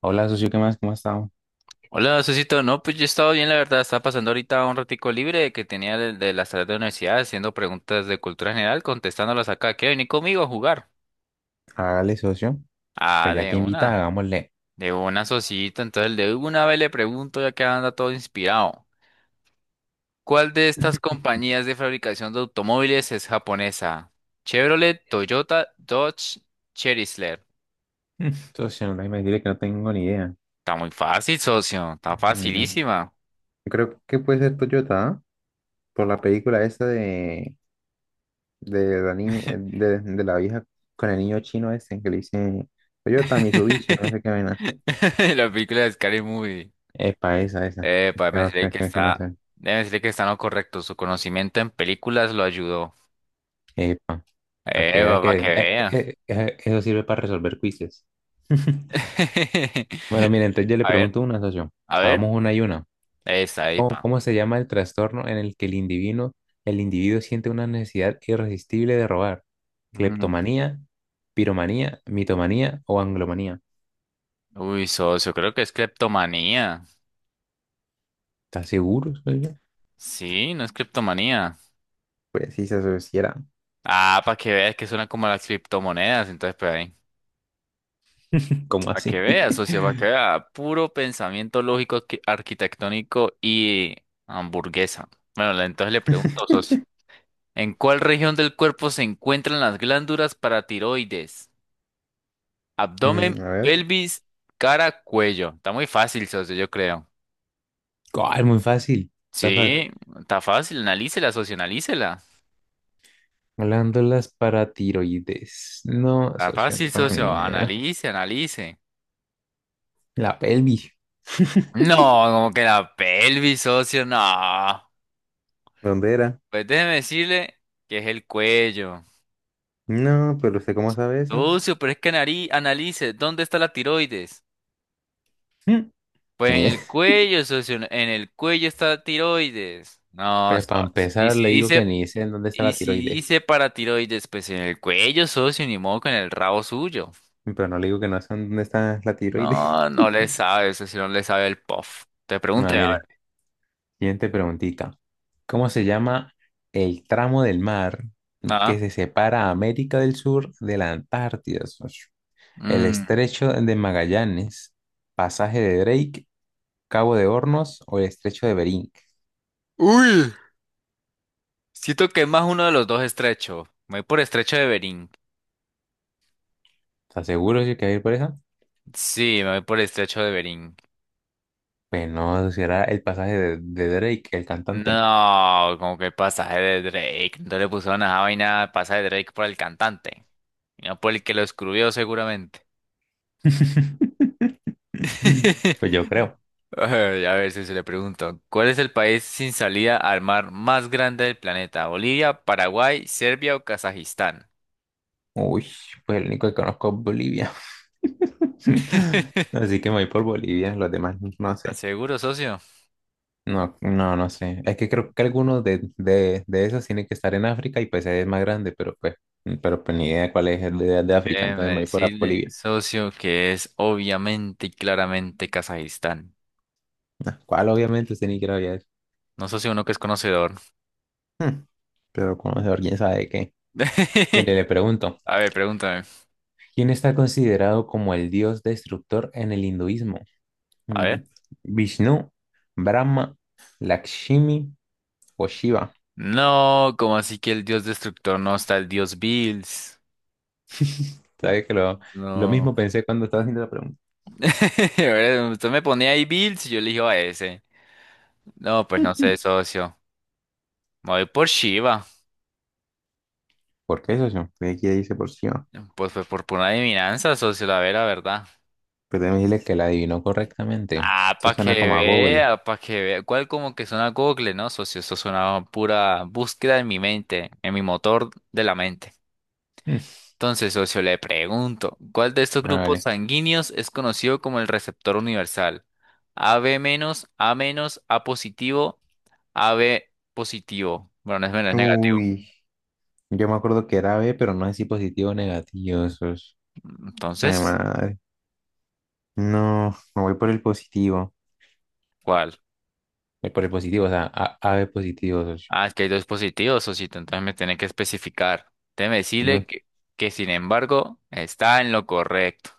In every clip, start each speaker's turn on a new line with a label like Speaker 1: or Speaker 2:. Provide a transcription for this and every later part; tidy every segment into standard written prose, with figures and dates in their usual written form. Speaker 1: Hola, socio, ¿qué más? ¿Cómo ha estado?
Speaker 2: Hola, Susito. No, pues yo he estado bien, la verdad. Estaba pasando ahorita un ratico libre que tenía de las tareas de la universidad, haciendo preguntas de cultura general, contestándolas acá. ¿Qué venir conmigo a jugar?
Speaker 1: Hágale, socio.
Speaker 2: Ah,
Speaker 1: Pues ya
Speaker 2: de
Speaker 1: que invita,
Speaker 2: una.
Speaker 1: hagámosle.
Speaker 2: De una, Susito. Entonces, de una vez le pregunto, ya que anda todo inspirado. ¿Cuál de estas compañías de fabricación de automóviles es japonesa? Chevrolet, Toyota, Dodge, Chrysler.
Speaker 1: Mm, socio, no me diré que no tengo ni idea.
Speaker 2: Está muy fácil, socio. Está
Speaker 1: Mm,
Speaker 2: facilísima.
Speaker 1: Yo creo que puede ser Toyota, ¿ah? Por la película esa de la niña, de la vieja con el niño chino ese que le dice Toyota, Mitsubishi, no sé qué vaina.
Speaker 2: La película de Scary Movie.
Speaker 1: Epa, esa, esa.
Speaker 2: Para
Speaker 1: No,
Speaker 2: decirle que
Speaker 1: que no
Speaker 2: está,
Speaker 1: sé.
Speaker 2: debe decirle que está en lo correcto. Su conocimiento en películas lo ayudó.
Speaker 1: Epa, para que vea que
Speaker 2: Para que vea.
Speaker 1: eso sirve para resolver quizzes. Bueno, mire, entonces yo le
Speaker 2: A ver,
Speaker 1: pregunto una, socio.
Speaker 2: a ver.
Speaker 1: Hagamos una y una.
Speaker 2: Esa, ahí,
Speaker 1: ¿Cómo,
Speaker 2: pa.
Speaker 1: cómo se llama el trastorno en el que el individuo siente una necesidad irresistible de robar?
Speaker 2: Mm.
Speaker 1: ¿Cleptomanía, piromanía, mitomanía o anglomanía?
Speaker 2: Uy, socio, creo que es criptomanía.
Speaker 1: ¿Estás seguro? ¿Soy yo?
Speaker 2: Sí, no es criptomanía.
Speaker 1: Pues sí se asociará.
Speaker 2: Ah, para que veas que suena como las criptomonedas. Entonces, pues ahí.
Speaker 1: ¿Cómo
Speaker 2: Para que
Speaker 1: así?
Speaker 2: veas, socio, para que vea. Puro pensamiento lógico, arquitectónico y hamburguesa. Bueno, entonces le pregunto, socio. ¿En cuál región del cuerpo se encuentran las glándulas paratiroides? Abdomen,
Speaker 1: Mm, a ver.
Speaker 2: pelvis, cara, cuello. Está muy fácil, socio, yo creo.
Speaker 1: Ah, es muy fácil. What the fuck.
Speaker 2: Sí, está fácil. Analícela, socio, analícela.
Speaker 1: Glándulas paratiroides. No,
Speaker 2: Está
Speaker 1: socio, no
Speaker 2: fácil,
Speaker 1: tengo
Speaker 2: socio.
Speaker 1: ni idea.
Speaker 2: Analice, analice.
Speaker 1: La pelvis.
Speaker 2: No, como que la pelvis, socio, no.
Speaker 1: ¿Dónde era?
Speaker 2: Pues déjeme decirle que es el cuello.
Speaker 1: No, pero ¿usted cómo sabe eso?
Speaker 2: Socio, pero es que analice, ¿dónde está la tiroides?
Speaker 1: Mm.
Speaker 2: Pues
Speaker 1: Ni
Speaker 2: en
Speaker 1: idea.
Speaker 2: el cuello, socio, en el cuello está tiroides. No,
Speaker 1: Pues para
Speaker 2: socio. Y
Speaker 1: empezar,
Speaker 2: si
Speaker 1: le digo que
Speaker 2: dice,
Speaker 1: ni sé en dónde está
Speaker 2: y
Speaker 1: la
Speaker 2: si
Speaker 1: tiroides,
Speaker 2: dice para tiroides, pues en el cuello, socio, ni modo con el rabo suyo.
Speaker 1: pero no le digo que no sé en dónde está la tiroides.
Speaker 2: No, no le sabe, socio, no le sabe el puff. Te
Speaker 1: No,
Speaker 2: pregunté, a
Speaker 1: mire,
Speaker 2: ver.
Speaker 1: siguiente preguntita. ¿Cómo se llama el tramo del mar que
Speaker 2: Ah,
Speaker 1: se separa a América del Sur de la Antártida, socio? ¿El
Speaker 2: mm.
Speaker 1: estrecho de Magallanes, pasaje de Drake, Cabo de Hornos o el estrecho de Bering?
Speaker 2: Uy, siento que es más uno de los dos estrecho. Me voy por estrecho de Bering.
Speaker 1: ¿Estás seguro, socio, que va a ir por esa?
Speaker 2: Sí, me voy por estrecho de Bering.
Speaker 1: Pues no, será el pasaje de Drake, el cantante.
Speaker 2: No, como que pasaje de Drake. No le pusieron a esa vaina pasaje de Drake por el cantante. No, por el que lo escribió seguramente.
Speaker 1: Pues yo creo.
Speaker 2: Ay, a ver si se le pregunto. ¿Cuál es el país sin salida al mar más grande del planeta? ¿Bolivia, Paraguay, Serbia o Kazajistán?
Speaker 1: Uy, pues el único que conozco es Bolivia. Así que me voy por Bolivia, los demás no
Speaker 2: ¿Estás
Speaker 1: sé.
Speaker 2: seguro, socio?
Speaker 1: No, no, no sé. Es que creo que algunos de esos tienen que estar en África y pues es más grande, pero pues ni idea cuál es el de África,
Speaker 2: Déjeme
Speaker 1: entonces me voy por
Speaker 2: decirle,
Speaker 1: Bolivia.
Speaker 2: socio, que es obviamente y claramente Kazajistán.
Speaker 1: Ah, ¿cuál? Obviamente usted ni quiere había.
Speaker 2: No, socio, uno que es conocedor.
Speaker 1: Hmm, pero conocedor, quién sabe de qué. Mire, le pregunto,
Speaker 2: A ver, pregúntame.
Speaker 1: ¿quién está considerado como el dios destructor en el hinduismo?
Speaker 2: A
Speaker 1: Mm,
Speaker 2: ver.
Speaker 1: ¿Vishnu, Brahma, Lakshmi o Shiva?
Speaker 2: No, como así que el dios destructor no está el dios Bills?
Speaker 1: Sabes que lo
Speaker 2: No.
Speaker 1: mismo pensé cuando estaba haciendo la pregunta.
Speaker 2: Ahora, usted me ponía ahí Bills y yo elijo a ese. No, pues no sé, socio. Me voy por Shiva.
Speaker 1: ¿Por qué, socio? ¿Qué quiere dice por sí?
Speaker 2: Pues fue por pura adivinanza, socio, verdad.
Speaker 1: Pero déjame decirle que la adivinó correctamente.
Speaker 2: Ah,
Speaker 1: Eso
Speaker 2: para que
Speaker 1: suena como a Google.
Speaker 2: vea, para que vea. ¿Cuál como que suena Google, no, socio? Eso suena a pura búsqueda en mi mente, en mi motor de la mente.
Speaker 1: Mm,
Speaker 2: Entonces, socio, le pregunto, ¿cuál de estos
Speaker 1: ah,
Speaker 2: grupos
Speaker 1: vale.
Speaker 2: sanguíneos es conocido como el receptor universal? AB menos, A menos, A positivo, AB positivo. Bueno, no es menos, es negativo.
Speaker 1: Uy, yo me acuerdo que era B, pero no sé si positivo o negativo, socio. Ay,
Speaker 2: Entonces,
Speaker 1: madre. No, me voy por el positivo.
Speaker 2: ¿cuál?
Speaker 1: Voy por el positivo, o sea, A, AB positivo, socio.
Speaker 2: Ah, es que hay dos positivos, socito, entonces me tiene que especificar. Déjeme
Speaker 1: No.
Speaker 2: decirle que, sin embargo, está en lo correcto.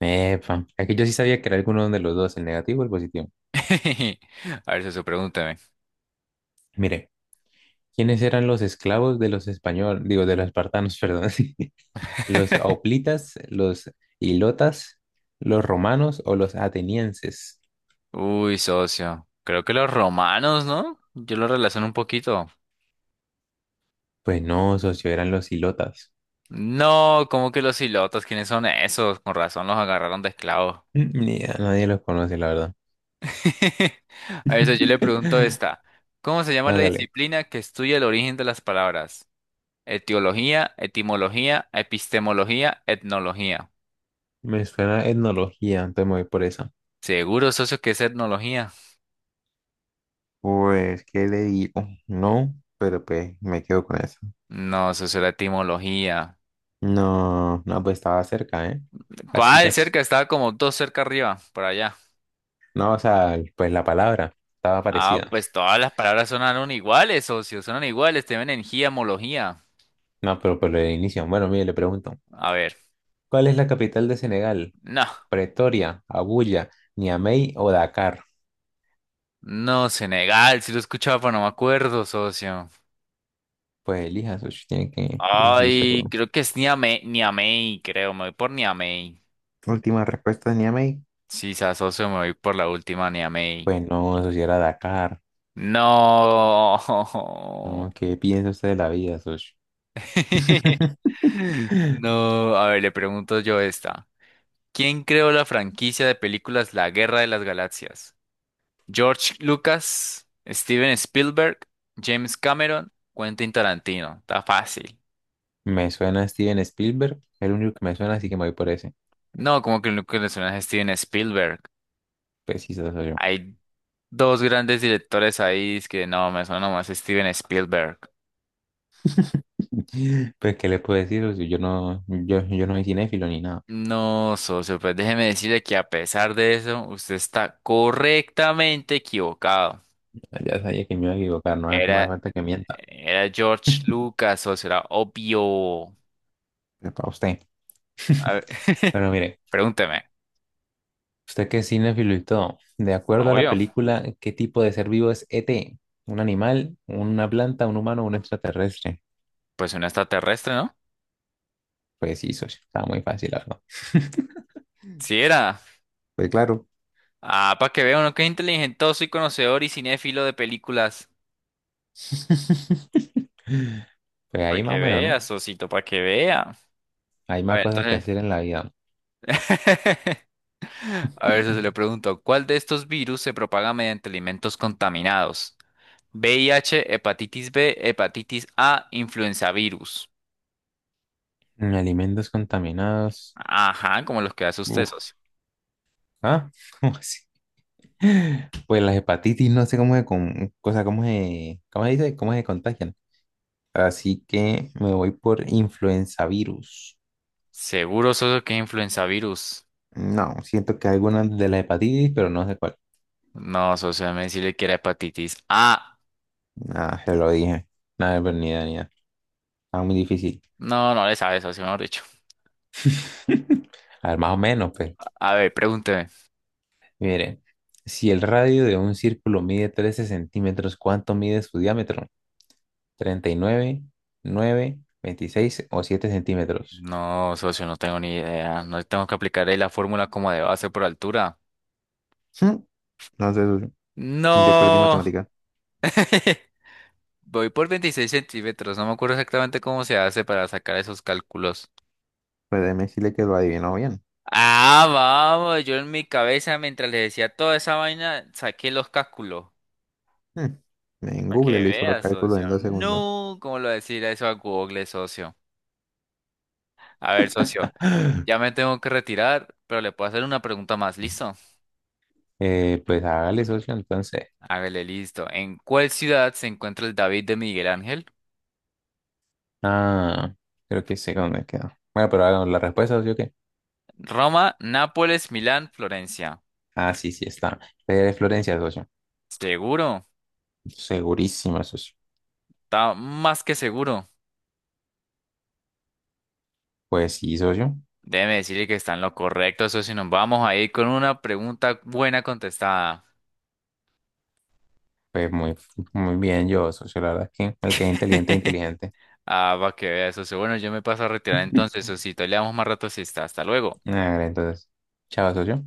Speaker 1: Epa. Aquí yo sí sabía que era alguno de los dos, el negativo o el positivo.
Speaker 2: A ver, socio, pregúnteme.
Speaker 1: Mire, ¿quiénes eran los esclavos de los españoles? Digo, de los espartanos, perdón. ¿Sí? Los hoplitas, los ilotas, los romanos o los atenienses.
Speaker 2: Uy, socio, creo que los romanos, ¿no? Yo lo relaciono un poquito.
Speaker 1: Pues no, socio, eran los ilotas.
Speaker 2: No, como que los ilotas? ¿Quiénes son esos? Con razón los agarraron de esclavos.
Speaker 1: Ni a nadie los conoce, la verdad.
Speaker 2: A eso yo le pregunto esta. ¿Cómo se llama la
Speaker 1: Hágale.
Speaker 2: disciplina que estudia el origen de las palabras? Etiología, etimología, epistemología, etnología.
Speaker 1: Me suena etnología, entonces me voy por esa.
Speaker 2: ¿Seguro, socio, que es etnología?
Speaker 1: Pues, ¿qué le digo? No, pero pues me quedo con eso.
Speaker 2: No, socio, era etimología.
Speaker 1: No, no, pues estaba cerca, ¿eh? Casi,
Speaker 2: ¿Cuál?
Speaker 1: casi.
Speaker 2: Cerca, estaba como dos cerca arriba, por allá.
Speaker 1: No, o sea, pues la palabra estaba
Speaker 2: Ah,
Speaker 1: parecida.
Speaker 2: pues todas las palabras sonaron iguales, socio, sonan iguales, te ven en giamología.
Speaker 1: No, pero por el inicio. Bueno, mire, le pregunto.
Speaker 2: A ver,
Speaker 1: ¿Cuál es la capital de Senegal?
Speaker 2: no.
Speaker 1: Pretoria, Abuya, Niamey o Dakar.
Speaker 2: No, Senegal, si lo escuchaba, pero no me acuerdo, socio.
Speaker 1: Pues elija, socio, tiene que decidirse
Speaker 2: Ay,
Speaker 1: por
Speaker 2: creo que es Niamey, Niamey, creo, me voy por Niamey.
Speaker 1: última respuesta de Niamey.
Speaker 2: Sí, socio, me voy por la última Niamey.
Speaker 1: Pues no, socio, era Dakar.
Speaker 2: No.
Speaker 1: No, ¿qué piensa usted de la vida, socio?
Speaker 2: No, a ver, le pregunto yo esta. ¿Quién creó la franquicia de películas La Guerra de las Galaxias? George Lucas, Steven Spielberg, James Cameron, Quentin Tarantino. Está fácil.
Speaker 1: Me suena Steven Spielberg, es el único que me suena, así que me voy por ese.
Speaker 2: No, como que lo que le suena es Steven Spielberg.
Speaker 1: Pues sí, eso soy yo.
Speaker 2: Hay dos grandes directores ahí, es que no, me suena nomás Steven Spielberg.
Speaker 1: Pues, ¿qué le puedo decir, socio? Yo no soy cinéfilo ni nada.
Speaker 2: No, socio, pues déjeme decirle que, a pesar de eso, usted está correctamente equivocado.
Speaker 1: Ya sabía que me iba a equivocar, no, no hace
Speaker 2: Era,
Speaker 1: falta que mienta.
Speaker 2: era George Lucas, socio, era obvio.
Speaker 1: Es para usted.
Speaker 2: A ver,
Speaker 1: Bueno, mire.
Speaker 2: pregúnteme.
Speaker 1: Usted que es cinéfilo y todo, de acuerdo a la
Speaker 2: Obvio,
Speaker 1: película, ¿qué tipo de ser vivo es ET? ¿Un animal, una planta, un humano, un extraterrestre?
Speaker 2: pues un extraterrestre, ¿no?
Speaker 1: Pues sí, socio, estaba muy fácil, la verdad.
Speaker 2: Sí era.
Speaker 1: Pues claro.
Speaker 2: Ah, para que vea, uno que es inteligentoso y conocedor y cinéfilo de películas.
Speaker 1: Pues
Speaker 2: Para
Speaker 1: ahí más
Speaker 2: que
Speaker 1: o menos, ¿no?
Speaker 2: vea, socito, para que vea.
Speaker 1: Hay
Speaker 2: A
Speaker 1: más
Speaker 2: ver,
Speaker 1: cosas que
Speaker 2: entonces.
Speaker 1: hacer en la vida.
Speaker 2: A ver, se le pregunto, ¿cuál de estos virus se propaga mediante alimentos contaminados? VIH, hepatitis B, hepatitis A, influenza virus.
Speaker 1: Mm, alimentos contaminados.
Speaker 2: Ajá, como los que hace usted,
Speaker 1: Uf,
Speaker 2: socio.
Speaker 1: ¿ah? ¿Cómo así? Pues las hepatitis, no sé cómo se dice, cómo se contagian. Así que me voy por influenza virus.
Speaker 2: ¿Seguro, socio, que es influenza virus?
Speaker 1: No, siento que alguna de la hepatitis, pero no sé cuál.
Speaker 2: No, socio, me decirle que era hepatitis A.
Speaker 1: Ah, se lo dije. Nada, pero ni idea, ni idea. Está muy difícil.
Speaker 2: No, no le sabe, socio, mejor dicho.
Speaker 1: A ver, más o menos, pues.
Speaker 2: A ver, pregúnteme.
Speaker 1: Mire, si el radio de un círculo mide 13 centímetros, ¿cuánto mide su diámetro? ¿39, 9, 26 o 7 centímetros?
Speaker 2: No, socio, no tengo ni idea. No tengo que aplicar ahí la fórmula como de base por altura.
Speaker 1: Hmm, no sé, socio, yo perdí
Speaker 2: No.
Speaker 1: matemática.
Speaker 2: Voy por 26 cm, no me acuerdo exactamente cómo se hace para sacar esos cálculos.
Speaker 1: Pero déjeme decirle que lo adivinó bien.
Speaker 2: Ah, vamos, yo en mi cabeza, mientras le decía toda esa vaina, saqué los cálculos.
Speaker 1: Hmm, en
Speaker 2: Para que
Speaker 1: Google le hizo los
Speaker 2: veas,
Speaker 1: cálculos
Speaker 2: socio.
Speaker 1: en 2 segundos.
Speaker 2: No, ¿cómo lo decir eso a Google, socio? A ver, socio, ya me tengo que retirar, pero le puedo hacer una pregunta más, ¿listo?
Speaker 1: Pues hágale, socio, entonces.
Speaker 2: Hágale, listo. ¿En cuál ciudad se encuentra el David de Miguel Ángel?
Speaker 1: Ah, creo que sé dónde quedó. Bueno, pero hagamos la respuesta, socio, ¿qué?
Speaker 2: Roma, Nápoles, Milán, Florencia.
Speaker 1: Ah, sí, sí, está. Fue de Florencia, socio.
Speaker 2: ¿Seguro?
Speaker 1: Segurísima, socio.
Speaker 2: Está más que seguro.
Speaker 1: Pues sí, socio.
Speaker 2: Déjeme decirle que está en lo correcto, socio. Nos vamos a ir con una pregunta buena contestada.
Speaker 1: Pues muy, muy bien yo, socio. La verdad es que el que es inteligente, inteligente.
Speaker 2: Ah, para que vea, socio. Bueno, yo me paso a retirar entonces, socio. Le damos más rato si está. Hasta luego.
Speaker 1: A ver, entonces. Chao, socio.